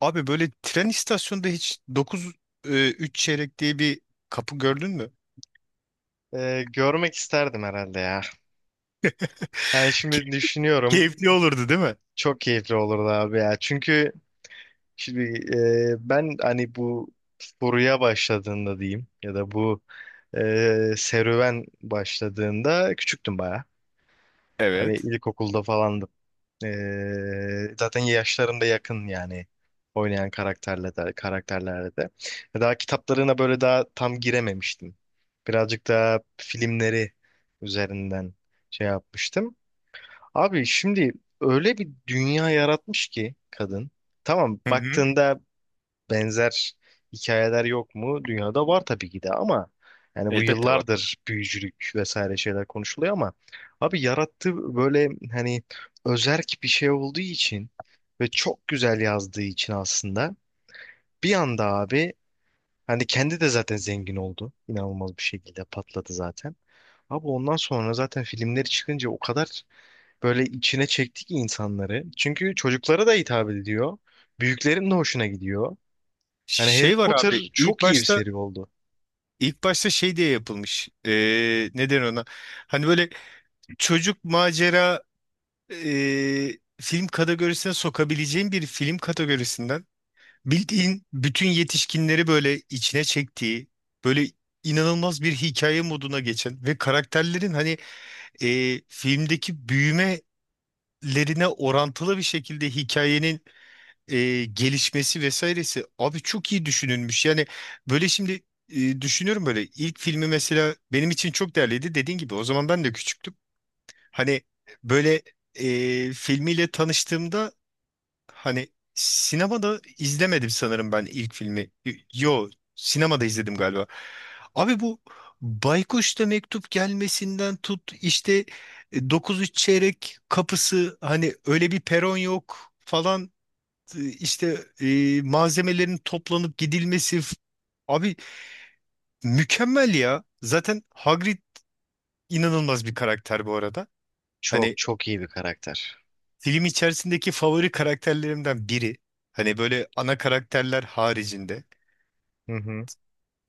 Abi böyle tren istasyonunda hiç 9 3 çeyrek diye bir kapı gördün mü? Görmek isterdim herhalde ya. Yani Key- şimdi düşünüyorum Keyifli olurdu değil mi? çok keyifli olurdu abi ya. Çünkü şimdi ben hani bu furuya başladığında diyeyim ya da bu serüven başladığında küçüktüm baya. Hani Evet. ilkokulda falandım. Zaten yaşlarım da yakın yani oynayan karakterle de, karakterlerle de. Daha kitaplarına böyle daha tam girememiştim. Birazcık daha filmleri üzerinden şey yapmıştım. Abi şimdi öyle bir dünya yaratmış ki kadın. Tamam Hı hı. baktığında benzer hikayeler yok mu? Dünyada var tabii ki de, ama yani bu Elbette var. yıllardır büyücülük vesaire şeyler konuşuluyor ama abi yarattığı böyle hani özerk bir şey olduğu için ve çok güzel yazdığı için aslında bir anda abi hani kendi de zaten zengin oldu. İnanılmaz bir şekilde patladı zaten. Abi ondan sonra zaten filmleri çıkınca o kadar böyle içine çekti ki insanları. Çünkü çocuklara da hitap ediyor. Büyüklerin de hoşuna gidiyor. Yani Harry Şey var abi Potter ilk çok iyi bir başta seri oldu. ilk başta şey diye yapılmış. Neden ona? Hani böyle çocuk macera film kategorisine sokabileceğin bir film kategorisinden bildiğin bütün yetişkinleri böyle içine çektiği, böyle inanılmaz bir hikaye moduna geçen ve karakterlerin hani filmdeki büyümelerine orantılı bir şekilde hikayenin gelişmesi vesairesi abi çok iyi düşünülmüş. Yani böyle şimdi düşünüyorum, böyle ilk filmi mesela benim için çok değerliydi, dediğin gibi o zaman ben de küçüktüm. Hani böyle filmiyle tanıştığımda, hani sinemada izlemedim sanırım ben ilk filmi. Yo, sinemada izledim galiba. Abi bu Baykuş'ta mektup gelmesinden tut, işte 9¾ kapısı, hani öyle bir peron yok falan, işte malzemelerin toplanıp gidilmesi, abi mükemmel ya. Zaten Hagrid inanılmaz bir karakter bu arada. Çok Hani çok iyi bir karakter. film içerisindeki favori karakterlerimden biri. Hani böyle ana karakterler haricinde. Hı hı.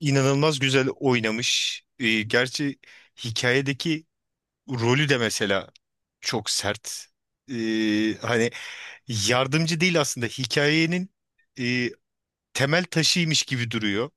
İnanılmaz güzel oynamış. Gerçi hikayedeki rolü de mesela çok sert. Hani yardımcı değil aslında, hikayenin e, temel taşıymış gibi duruyor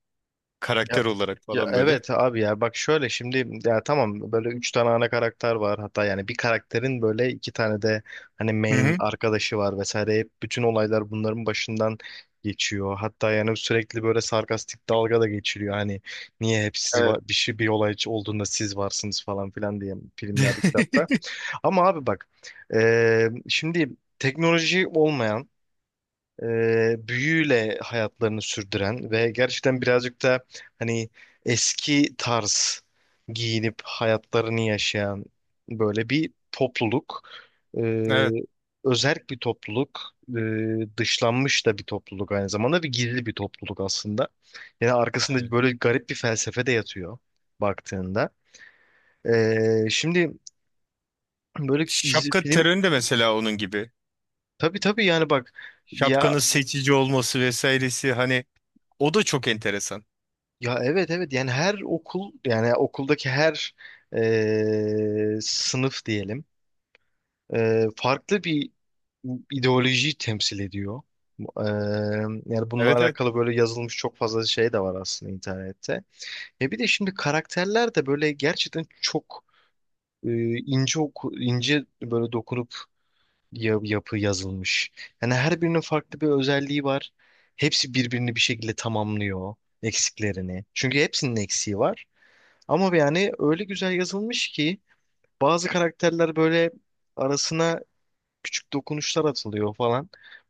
karakter olarak Ya falan böyle. evet abi ya, bak şöyle şimdi, ya tamam, böyle üç tane ana karakter var, hatta yani bir karakterin böyle iki tane de hani Hı main hı. arkadaşı var vesaire, hep bütün olaylar bunların başından geçiyor, hatta yani sürekli böyle sarkastik dalga da geçiriyor hani niye hep siz Evet. var, bir şey bir olay olduğunda siz varsınız falan filan diye filmlerde, kitapta. Ama abi bak, şimdi teknoloji olmayan, büyüyle hayatlarını sürdüren ve gerçekten birazcık da hani eski tarz giyinip hayatlarını yaşayan böyle bir topluluk. E, Evet. Özerk bir topluluk. E, dışlanmış da bir topluluk aynı zamanda ve gizli bir topluluk aslında. Yani arkasında Evet. böyle garip bir felsefe de yatıyor baktığında. Şimdi böyle Şapka film terörü de mesela onun gibi. tabii tabii, yani bak ya. Şapkanın seçici olması vesairesi hani, o da çok enteresan. Ya evet evet, yani her okul, yani okuldaki her sınıf diyelim farklı bir ideolojiyi temsil ediyor. E, Yani bununla Evet, evet. alakalı böyle yazılmış çok fazla şey de var aslında internette. E bir de şimdi karakterler de böyle gerçekten çok e, ince böyle dokunup yapı yazılmış. Yani her birinin farklı bir özelliği var. Hepsi birbirini bir şekilde tamamlıyor eksiklerini. Çünkü hepsinin eksiği var. Ama yani öyle güzel yazılmış ki bazı karakterler böyle arasına küçük dokunuşlar atılıyor falan.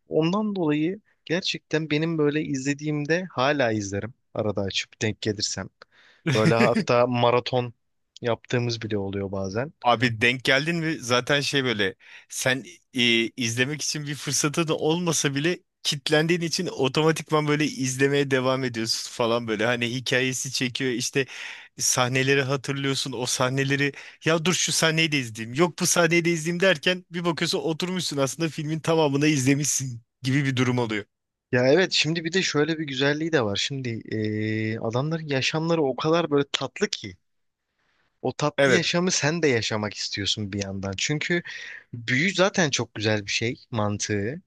Ondan dolayı gerçekten benim böyle izlediğimde hala izlerim arada, açıp denk gelirsem. Böyle hatta maraton yaptığımız bile oluyor bazen. Abi denk geldin mi? Zaten şey böyle, sen e, izlemek için bir fırsatın olmasa bile kitlendiğin için otomatikman böyle izlemeye devam ediyorsun falan böyle. Hani hikayesi çekiyor, işte sahneleri hatırlıyorsun, o sahneleri, ya dur şu sahneyi de izleyeyim, yok bu sahneyi de izleyeyim, derken bir bakıyorsun oturmuşsun, aslında filmin tamamını izlemişsin gibi bir durum oluyor. Ya evet, şimdi bir de şöyle bir güzelliği de var. Şimdi adamların yaşamları o kadar böyle tatlı ki o tatlı Evet. yaşamı sen de yaşamak istiyorsun bir yandan. Çünkü büyü zaten çok güzel bir şey mantığı.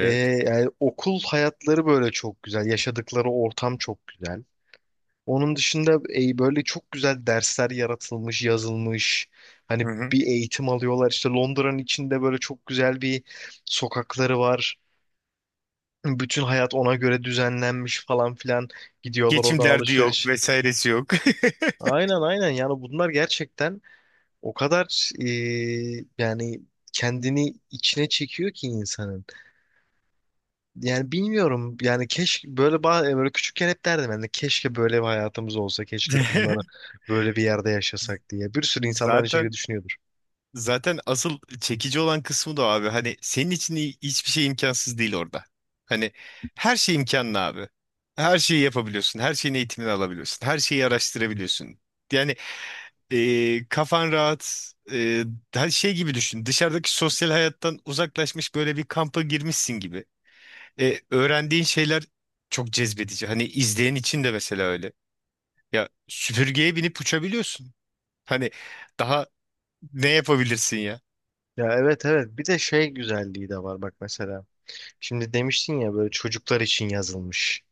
Ee, Yani okul hayatları böyle çok güzel. Yaşadıkları ortam çok güzel. Onun dışında böyle çok güzel dersler yaratılmış, yazılmış. Hı Hani hı. bir eğitim alıyorlar. İşte Londra'nın içinde böyle çok güzel bir sokakları var. Bütün hayat ona göre düzenlenmiş falan filan. Gidiyorlar Geçim oradan derdi yok, alışveriş. vesairesi yok. Aynen aynen, yani bunlar gerçekten o kadar yani kendini içine çekiyor ki insanın. Yani bilmiyorum. Yani keşke böyle böyle küçükken hep derdim ben de, keşke böyle bir hayatımız olsa, keşke bunlara böyle bir yerde yaşasak diye. Bir sürü insan da aynı şekilde Zaten düşünüyordur. Zaten asıl çekici olan kısmı da o abi. Hani senin için hiçbir şey imkansız değil orada. Hani her şey imkanlı abi. Her şeyi yapabiliyorsun. Her şeyin eğitimini alabiliyorsun. Her şeyi araştırabiliyorsun. Yani kafan rahat. Her şey gibi düşün. Dışarıdaki sosyal hayattan uzaklaşmış, böyle bir kampa girmişsin gibi. Öğrendiğin şeyler çok cezbedici. Hani izleyen için de mesela öyle. Ya süpürgeye binip uçabiliyorsun. Hani daha ne yapabilirsin ya? Ya evet evet. Bir de şey güzelliği de var bak mesela. Şimdi demiştin ya böyle çocuklar için yazılmış.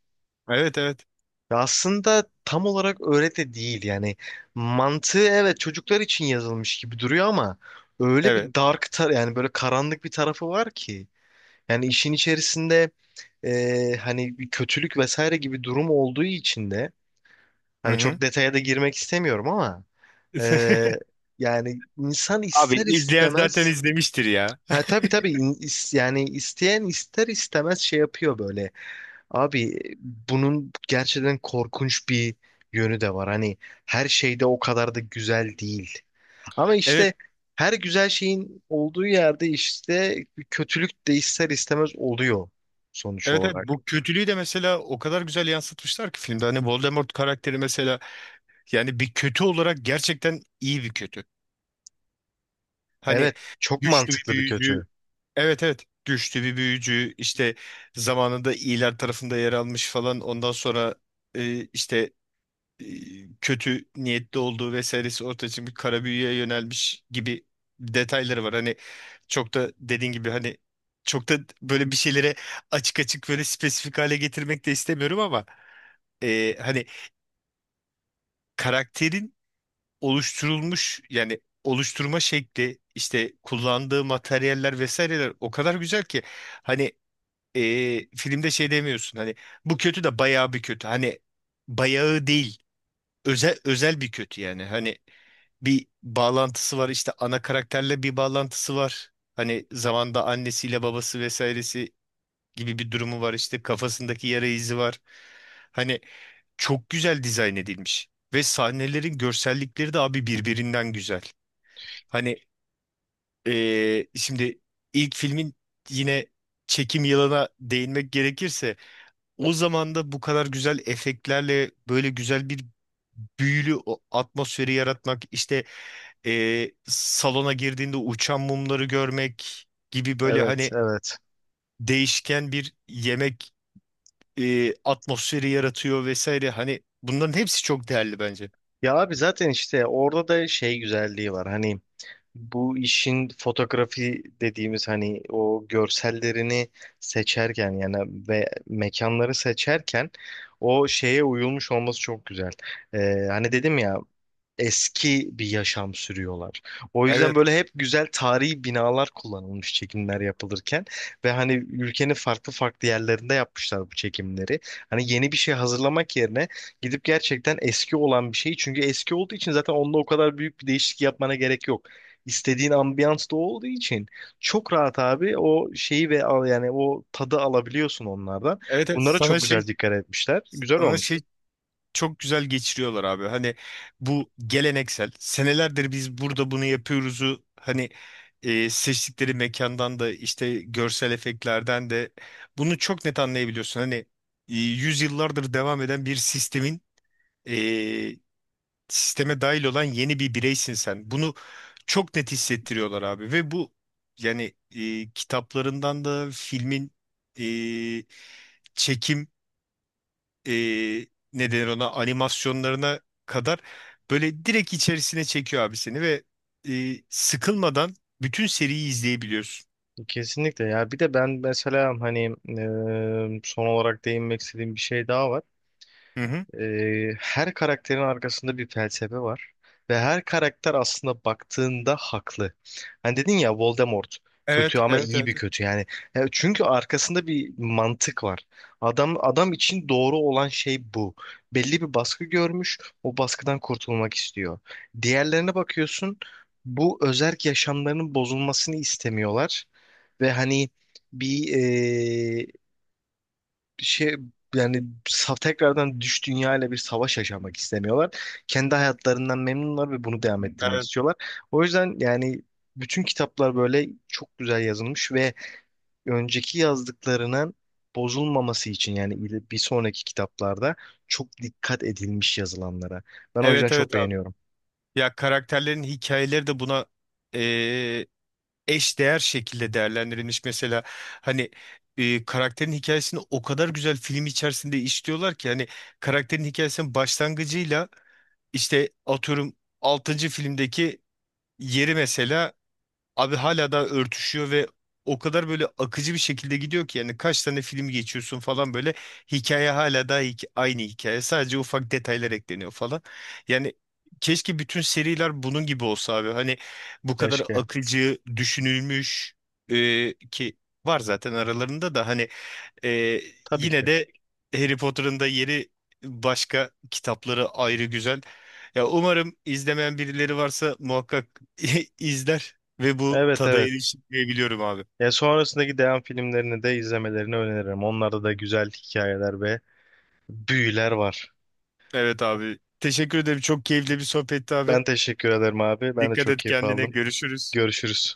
Evet, evet. Ya aslında tam olarak öyle de değil yani. Mantığı evet çocuklar için yazılmış gibi duruyor ama öyle bir Evet. dark yani böyle karanlık bir tarafı var ki. Yani işin içerisinde hani bir kötülük vesaire gibi durum olduğu için de Hı hani hı. çok detaya da girmek istemiyorum ama e, yani insan Abi ister izleyen zaten istemez, izlemiştir ya. ha tabii tabii, yani isteyen ister istemez şey yapıyor böyle. Abi bunun gerçekten korkunç bir yönü de var. Hani her şeyde o kadar da güzel değil. Ama Evet, işte her güzel şeyin olduğu yerde işte bir kötülük de ister istemez oluyor sonuç evet, evet. olarak. Bu kötülüğü de mesela o kadar güzel yansıtmışlar ki filmde. Hani Voldemort karakteri mesela, yani bir kötü olarak gerçekten iyi bir kötü. Hani Evet, çok güçlü bir mantıklı bir büyücü. kötü. Evet, evet. Güçlü bir büyücü. İşte zamanında iyiler tarafında yer almış falan. Ondan sonra işte e, kötü niyetli olduğu vesairesi ortaya çıkmış, kara büyüye yönelmiş gibi detayları var. Hani çok da, dediğin gibi hani, çok da böyle bir şeylere açık açık böyle spesifik hale getirmek de istemiyorum ama, hani karakterin oluşturulmuş yani oluşturma şekli, işte kullandığı materyaller vesaireler, o kadar güzel ki hani, e, filmde şey demiyorsun hani, bu kötü de bayağı bir kötü, hani bayağı değil, özel özel bir kötü yani, hani bir bağlantısı var. İşte ana karakterle bir bağlantısı var. Hani zamanda annesiyle babası vesairesi gibi bir durumu var. İşte kafasındaki yara izi var. Hani çok güzel dizayn edilmiş. Ve sahnelerin görsellikleri de abi birbirinden güzel. Hani şimdi ilk filmin, yine çekim yılına değinmek gerekirse, o zaman da bu kadar güzel efektlerle böyle güzel bir büyülü o atmosferi yaratmak, işte salona girdiğinde uçan mumları görmek gibi böyle Evet, hani, evet. değişken bir yemek atmosferi yaratıyor vesaire. Hani bunların hepsi çok değerli bence. Ya abi zaten işte orada da şey güzelliği var. Hani bu işin fotoğrafi dediğimiz hani o görsellerini seçerken yani ve mekanları seçerken o şeye uyulmuş olması çok güzel. Hani dedim ya, eski bir yaşam sürüyorlar. O yüzden Evet. böyle hep güzel tarihi binalar kullanılmış çekimler yapılırken ve hani ülkenin farklı farklı yerlerinde yapmışlar bu çekimleri. Hani yeni bir şey hazırlamak yerine gidip gerçekten eski olan bir şeyi, çünkü eski olduğu için zaten onda o kadar büyük bir değişiklik yapmana gerek yok. İstediğin ambiyans da o olduğu için çok rahat abi o şeyi ve al, yani o tadı alabiliyorsun onlardan. Evet, evet. Bunlara Sana çok şey güzel dikkat etmişler. Güzel sana olmuş. şey çok güzel geçiriyorlar abi. Hani bu geleneksel, senelerdir biz burada bunu yapıyoruzu hani, seçtikleri mekandan da işte görsel efektlerden de bunu çok net anlayabiliyorsun. Hani yüzyıllardır devam eden bir sistemin, e, sisteme dahil olan yeni bir bireysin sen. Bunu çok net hissettiriyorlar abi, ve bu yani kitaplarından da filmin e, çekim, e, ne denir ona, animasyonlarına kadar böyle direkt içerisine çekiyor abi seni, ve sıkılmadan bütün seriyi izleyebiliyorsun. Kesinlikle ya. Bir de ben mesela hani son olarak değinmek istediğim bir şey daha var. Hı hı. Her karakterin arkasında bir felsefe var ve her karakter aslında baktığında haklı. Hani dedin ya, Voldemort kötü Evet, ama evet, iyi evet. bir kötü yani. Çünkü arkasında bir mantık var. Adam adam için doğru olan şey bu. Belli bir baskı görmüş, o baskıdan kurtulmak istiyor. Diğerlerine bakıyorsun, bu özerk yaşamlarının bozulmasını istemiyorlar ve hani bir şey, yani tekrardan dünyayla bir savaş yaşamak istemiyorlar. Kendi hayatlarından memnunlar ve bunu devam ettirmek Evet, istiyorlar. O yüzden yani bütün kitaplar böyle çok güzel yazılmış ve önceki yazdıklarının bozulmaması için yani bir sonraki kitaplarda çok dikkat edilmiş yazılanlara. Ben o yüzden evet, çok evet abi. beğeniyorum. Ya karakterlerin hikayeleri de buna eşdeğer şekilde değerlendirilmiş. Mesela hani karakterin hikayesini o kadar güzel film içerisinde işliyorlar ki, hani karakterin hikayesinin başlangıcıyla, işte atıyorum altıncı filmdeki yeri mesela, abi hala da örtüşüyor ve o kadar böyle akıcı bir şekilde gidiyor ki, yani kaç tane film geçiyorsun falan böyle, hikaye hala da aynı hikaye, sadece ufak detaylar ekleniyor falan. Yani keşke bütün seriler bunun gibi olsa abi, hani bu kadar Keşke. akıcı düşünülmüş, ki var zaten aralarında da hani, ee, Tabii ki yine de. de Harry Potter'ın da yeri, başka kitapları ayrı güzel. Ya umarım izlemeyen birileri varsa muhakkak izler ve bu Evet tada evet. erişir diye biliyorum abi. Ya sonrasındaki devam filmlerini de izlemelerini öneririm. Onlarda da güzel hikayeler ve büyüler var. Evet abi. Teşekkür ederim. Çok keyifli bir sohbetti abi. Ben teşekkür ederim abi. Ben de Dikkat çok et keyif kendine. aldım. Görüşürüz. Görüşürüz.